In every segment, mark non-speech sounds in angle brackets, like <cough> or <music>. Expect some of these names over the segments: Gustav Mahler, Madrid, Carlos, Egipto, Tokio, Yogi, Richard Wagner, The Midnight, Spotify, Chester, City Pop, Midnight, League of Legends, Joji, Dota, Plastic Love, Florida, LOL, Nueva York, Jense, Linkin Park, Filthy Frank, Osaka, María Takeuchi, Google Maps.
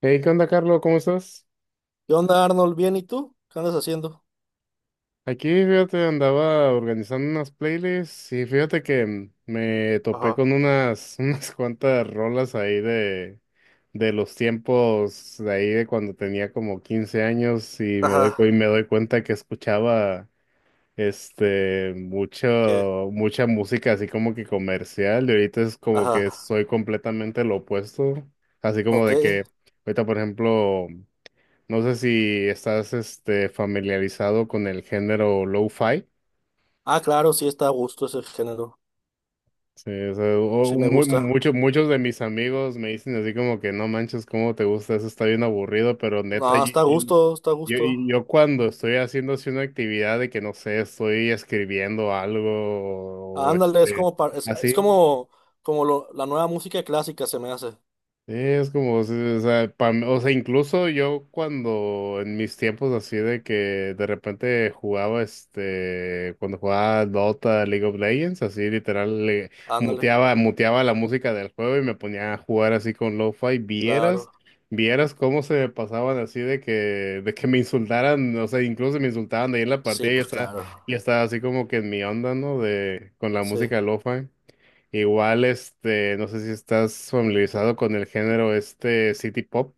Hey, ¿qué onda, Carlos? ¿Cómo estás? ¿Qué onda, Arnold? ¿Bien y tú? ¿Qué andas haciendo? Aquí, fíjate, andaba organizando unas playlists y fíjate que me topé Ajá, con unas, <laughs> unas cuantas rolas ahí de los tiempos de ahí de cuando tenía como 15 años y ajá. Y me doy cuenta que escuchaba ¿Qué? mucho, mucha música así como que comercial, y ahorita es como Ajá, que soy completamente lo opuesto, así como ok. de que ahorita, por ejemplo. No sé si estás familiarizado con el género lo-fi. Ah, claro, sí está a gusto ese género. Sí, o sea, Sí me gusta. Muchos de mis amigos me dicen así como que no manches, cómo te gusta, eso está bien aburrido, pero neta, No, está a gusto, está a yo- gusto. yo cuando estoy haciendo así una actividad de que no sé, estoy escribiendo algo o Ándale, es este, como par- es así. como, como la nueva música clásica se me hace. Sí, es como, sí, o sea, o sea, incluso yo cuando en mis tiempos así de que de repente jugaba, cuando jugaba Dota, League of Legends, así literal, le Ándale, muteaba la música del juego y me ponía a jugar así con lo-fi, claro. vieras cómo se me pasaban así de que me insultaran, o sea, incluso me insultaban de ahí en la Sí, partida y ya pues claro. ya estaba así como que en mi onda, ¿no? De, con la Sí. música lo-fi. Igual, no sé si estás familiarizado con el género este City Pop.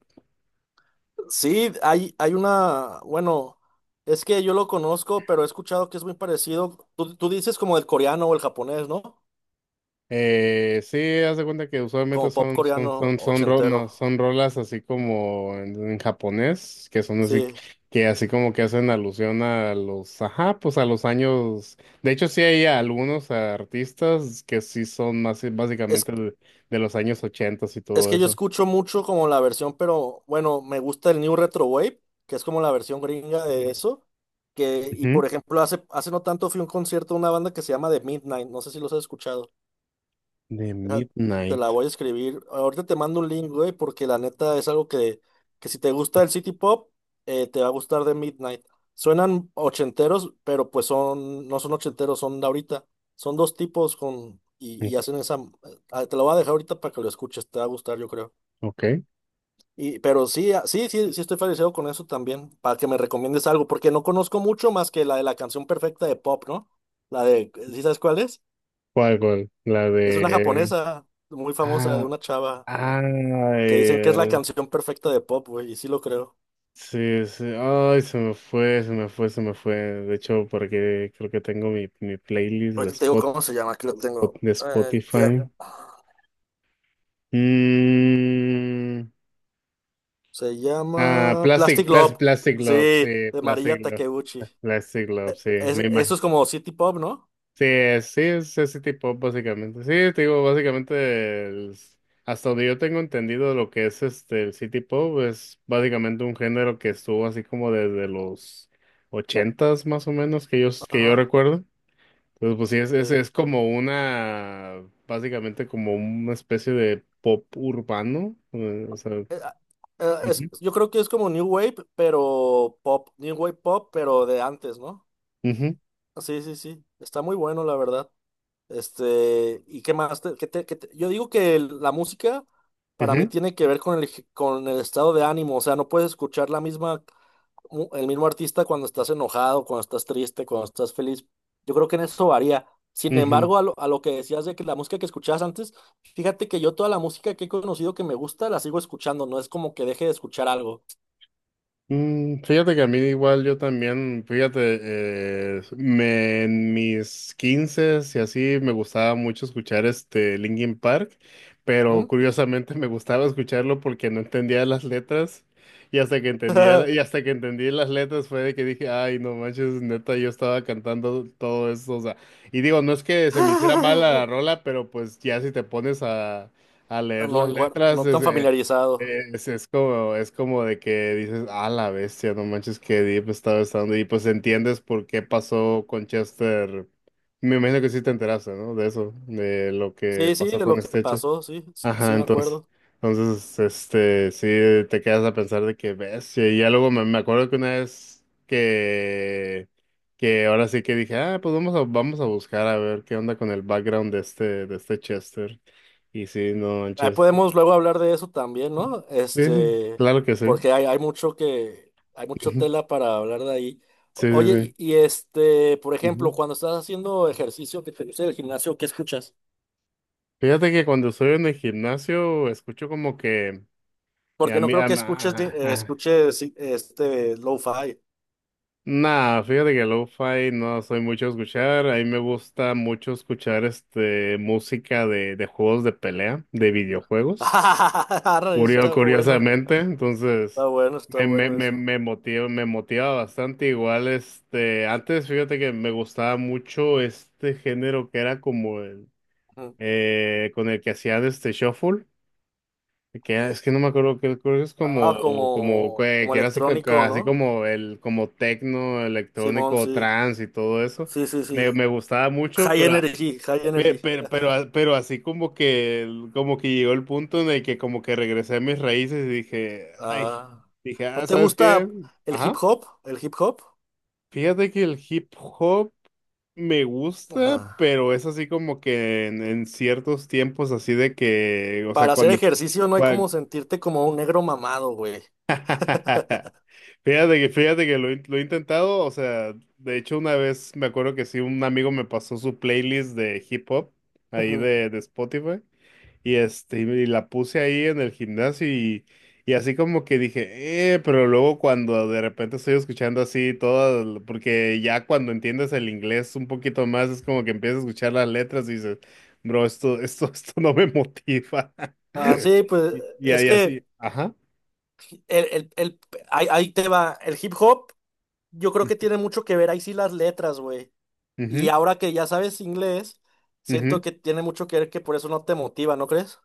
Sí, hay una, bueno, es que yo lo conozco, pero he escuchado que es muy parecido. Tú dices como el coreano o el japonés, ¿no? Sí, haz de cuenta que usualmente Como pop coreano son, ro- ochentero. no, son rolas así como en japonés, que son así, Sí. que así como que hacen alusión a los, ajá, pues a los años. De hecho, sí hay algunos artistas que sí son más Es, básicamente de los años ochentas y es todo que yo eso. escucho mucho como la versión, pero bueno, me gusta el New Retro Wave, que es como la versión gringa de eso. Que, y Ujú. por ejemplo, hace no tanto fui a un concierto de una banda que se llama The Midnight, no sé si los has escuchado. De Deja, te la Midnight. voy a escribir. Ahorita te mando un link, güey, porque la neta es algo que si te gusta el City Pop, te va a gustar The Midnight. Suenan ochenteros, pero pues son, no son ochenteros, son de ahorita. Son dos tipos con, y hacen esa. Te lo voy a dejar ahorita para que lo escuches, te va a gustar, yo creo. Ok. Y, pero sí, ah, sí, sí, sí estoy familiarizado con eso también, para que me recomiendes algo, porque no conozco mucho más que la de la canción perfecta de pop, ¿no? La de, ¿sí sabes cuál es? ¿Cuál, cuál? La Es una de... japonesa muy famosa de Ah, una chava que dicen que es la ay, canción perfecta de pop, güey, y sí lo creo. sí, sí. Ay, se me fue. De hecho, porque creo que tengo mi playlist de Ahorita te digo cómo se llama, aquí lo tengo. Ya. Spotify. Mm, Se ah, llama Plastic Love, Plastic sí, Love, sí, de Plastic María Love. Takeuchi. Plastic Love, sí. Me imagino. Eso es como City Pop, ¿no? Sí, sí, es ese tipo, básicamente. Sí, te digo, básicamente, hasta donde yo tengo entendido lo que es el City Pop, es básicamente un género que estuvo así como desde los ochentas más o menos, que yo Ajá. recuerdo. Entonces, pues sí, Eh, es como básicamente como una especie de pop urbano, o sea. eh, ah, Ujú. yo creo que es como New Wave, pero pop, New Wave pop, pero de antes, ¿no? Ujú, Sí, sí, sí. Está muy bueno, la verdad. Este, ¿y qué más? Yo digo que la música para mí ujú, tiene que ver con el estado de ánimo, o sea, no puedes escuchar la misma. El mismo artista cuando estás enojado, cuando estás triste, cuando estás feliz. Yo creo que en eso varía. Sin ujú. embargo, a lo que decías de que la música que escuchabas antes, fíjate que yo toda la música que he conocido que me gusta la sigo escuchando, no es como que deje de escuchar algo. Mm, fíjate que a mí igual yo también, fíjate, me, en mis 15 y así me gustaba mucho escuchar este Linkin Park, pero Ujú. curiosamente <laughs> me gustaba escucharlo porque no entendía las letras y hasta que entendí las letras fue de que dije, ay, no manches, neta, yo estaba cantando todo eso, o sea, y digo, no es que se me hiciera mal la <laughs> rola, pero pues ya si te pones a Ah, leer las no, igual, letras, no es, tan familiarizado. Es como de que dices, ah, la bestia, no manches que Deep estaba estando. Y pues entiendes por qué pasó con Chester. Me imagino que sí te enteraste, ¿no? De eso, de lo que Sí, sí, pasó de con lo que Chester. pasó, sí, sí, sí Ajá, me entonces. acuerdo. Entonces, este, sí, te quedas a pensar de que bestia. Y ya luego me acuerdo que una vez que ahora sí que dije, ah, pues vamos a buscar a ver qué onda con el background de de este Chester. Y sí, no Ahí manches. podemos luego hablar de eso también, Sí, ¿no? sí, Este, claro que sí. porque hay mucho que, hay mucho Ujú. tela para hablar de ahí. Sí, sí, Oye, sí. Y este, por Ujú. ejemplo, cuando estás haciendo ejercicio que te gusta el gimnasio, ¿qué escuchas? Fíjate que cuando estoy en el gimnasio escucho como que a Porque no mí, creo que escuches, a- escuches sí, este lo-fi. nah, fíjate que lo-fi no soy mucho a escuchar. A mí me gusta mucho escuchar música de juegos de pelea, de videojuegos. <laughs> Arre, eso está bueno, Curiosamente, entonces está bueno, está bueno eso. Me motiva bastante. Igual, antes fíjate que me gustaba mucho este género que era como el Ujú. Con el que hacían este shuffle, que es que no me acuerdo, que creo que es como, Ah, como como, como que era así, electrónico, así ¿no? como el, como tecno, Simón, electrónico, sí, trance y todo eso. sí, sí, sí. Me gustaba mucho, High pero, energy, high energy. Pero, <laughs> pero así como que, como que llegó el punto en el que como que regresé a mis raíces y dije, ay, Ah. dije, ¿No ah, te ¿sabes qué? gusta el hip Ajá. hop? ¿El hip hop? Fíjate que el hip hop me gusta, Ajá. pero es así como que en ciertos tiempos así de que, o sea, Para hacer cuando, ejercicio no hay cua- como sentirte como un negro mamado, güey. <laughs> fíjate fíjate que lo he intentado, o sea, de hecho una vez me acuerdo que sí, un amigo me pasó su playlist de hip hop ahí Ujú. De Spotify. Y este, y la puse ahí en el gimnasio y así como que dije, pero luego cuando de repente estoy escuchando así todas, porque ya cuando entiendes el inglés un poquito más, es como que empiezas a escuchar las letras y dices, bro, esto, <laughs> esto no me motiva. <laughs> Ah, sí, pues Y, y es ahí así, que ajá. el, el, el- ahí, ahí te va. El hip hop, yo creo que tiene mucho que ver ahí sí las letras, güey. Y Ujú, ahora que ya sabes inglés, siento ujú. que tiene mucho que ver que por eso no te motiva, ¿no crees?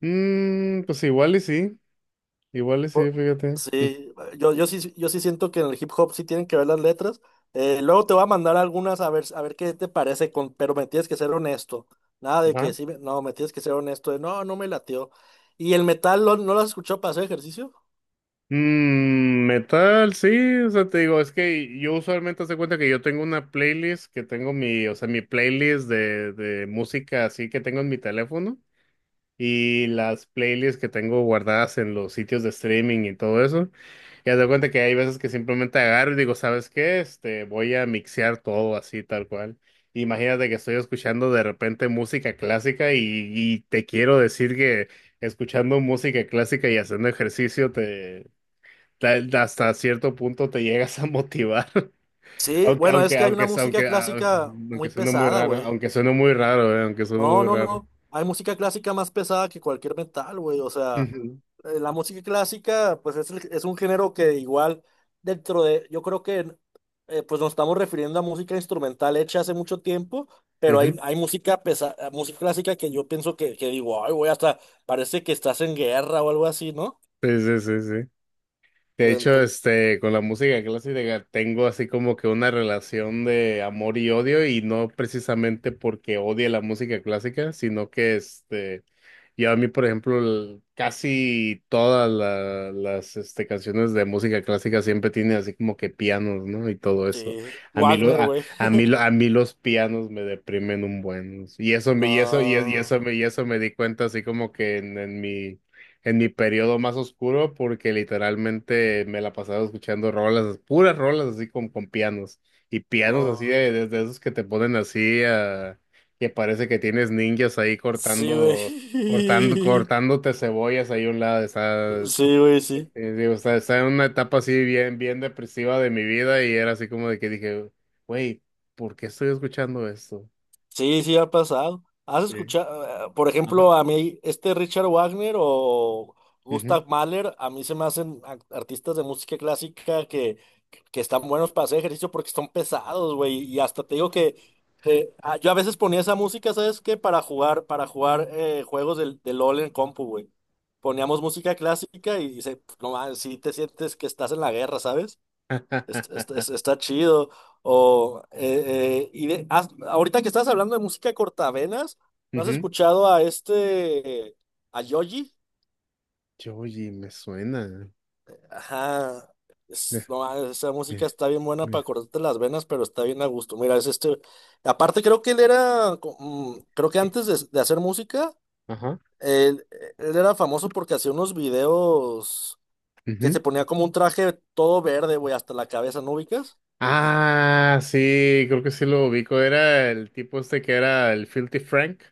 Mm, pues igual y Po- sí, fíjate. Sí, yo sí siento que en el hip hop sí tienen que ver las letras. Luego te voy a mandar algunas a ver qué te parece, con, pero me tienes que ser honesto. Nada de que Ujú. sí, no, me tienes que ser honesto. De, no, no me latió. ¿No lo has escuchado para hacer ejercicio? Mm, metal, sí, o sea, te digo, es que yo usualmente hace cuenta que yo tengo una playlist que tengo o sea, mi playlist de música así que tengo en mi teléfono y las playlists que tengo guardadas en los sitios de streaming y todo eso. Y haz de cuenta que hay veces que simplemente agarro y digo, ¿sabes qué? Este, voy a mixear todo así, tal cual. Imagínate que estoy escuchando de repente música clásica y te quiero decir que escuchando música clásica y haciendo ejercicio hasta cierto punto te llegas a motivar, <laughs> Sí, bueno, es que hay una música aunque, ah, clásica muy pesada, güey. Aunque suene No, muy no, raro. no. Hay música clásica más pesada que cualquier metal, güey. O sea, Ujú, la música clásica, pues es, es un género que igual dentro de, yo creo que pues nos estamos refiriendo a música instrumental hecha hace mucho tiempo, pero hay, ujú. hay música pesa, música clásica que yo pienso que digo, ay, güey, hasta parece que estás en guerra o algo así, ¿no? Sí, sí, sí, sí. De hecho, Entonces, este, con la música clásica tengo así como que una relación de amor y odio, y no precisamente porque odie la música clásica, sino que yo a mí, por ejemplo, casi todas las este, canciones de música clásica siempre tienen así como que pianos, ¿no? Y todo eso. sí, A mí, lo, Wagner, a, güey. a mí, a mí los pianos me deprimen un buen. Y Ah, eso, y eso me di cuenta así como que en mi periodo más oscuro, porque literalmente me la pasaba escuchando rolas, puras rolas así con pianos y pianos así ah, de, de esos que te ponen así que parece que tienes ninjas ahí sí, güey. <laughs> cortándote cebollas ahí a un lado. Sí, güey, sí. Digo, está en una etapa así bien, bien depresiva de mi vida y era así como de que dije, güey, ¿por qué estoy escuchando esto? Sí, sí ha pasado. ¿Has Sí. escuchado, por Ajá. ejemplo, a mí, este Richard Wagner o Ujú. Gustav Mahler? A mí se me hacen artistas de música clásica que están buenos para hacer ejercicio porque están pesados, güey. Y hasta te digo que yo a veces ponía esa música, ¿sabes qué? Para jugar juegos del, del LOL en compu, güey. Poníamos música clásica y, se, no, mames, sí te sientes que estás en la guerra, ¿sabes? <laughs> Está chido. Y ahorita que estás hablando de música cortavenas, ¿no has Ujú. escuchado a este, a Yogi? Joji, me suena. Ajá. No, <laughs> ah, esa música está bien buena para Mira. cortarte las venas, pero está bien a gusto. Mira, es este. Aparte, creo que él era, creo que antes de hacer música, Ajá. él, él era famoso porque hacía unos videos que Ujú. se ponía como un traje todo verde, güey, hasta la cabeza, ¿no ubicas? Ah, sí, creo que sí lo ubico. Era el tipo este que era el Filthy Frank.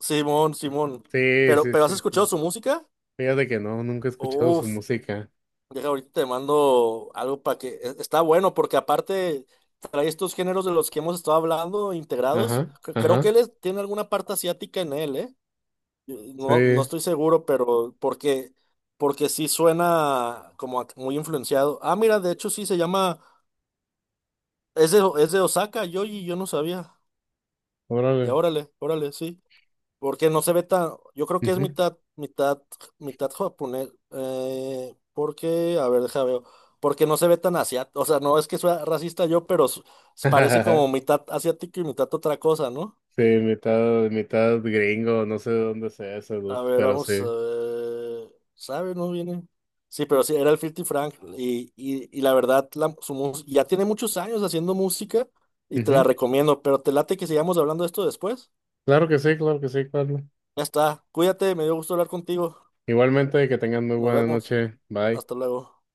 Simón, Simón. Sí, sí, Pero ¿has sí, escuchado sí. su música? Fíjate que no, nunca he escuchado su Uf, música. deja ahorita te mando algo para que está bueno porque aparte trae estos géneros de los que hemos estado hablando integrados. Ajá, Creo que ajá. Tiene alguna parte asiática en él, ¿eh? No, no Sí, estoy seguro, pero porque porque sí suena como muy influenciado. Ah, mira, de hecho sí se llama es de Osaka, yo no sabía. Órale. Órale, órale, sí. Porque no se ve tan, yo creo que es Ujú. mitad, mitad, mitad japonés, porque, a ver, deja veo, porque no se ve tan asiático, o sea, no es que sea racista yo, pero parece como <laughs> mitad asiático y mitad otra cosa, ¿no? Sí, mitad, mitad gringo, no sé de dónde sea ese dude, A ver, pero vamos, a sí. ver, ¿sabe? No viene. Sí, pero sí, era el filthy Frank, y la verdad, ya tiene muchos años haciendo música, y te la Ujú. recomiendo, pero te late que sigamos hablando de esto después. Claro que sí, Carlos. Ya está, cuídate, me dio gusto hablar contigo, Igualmente, que tengan muy nos buena vemos, noche. Bye. hasta luego.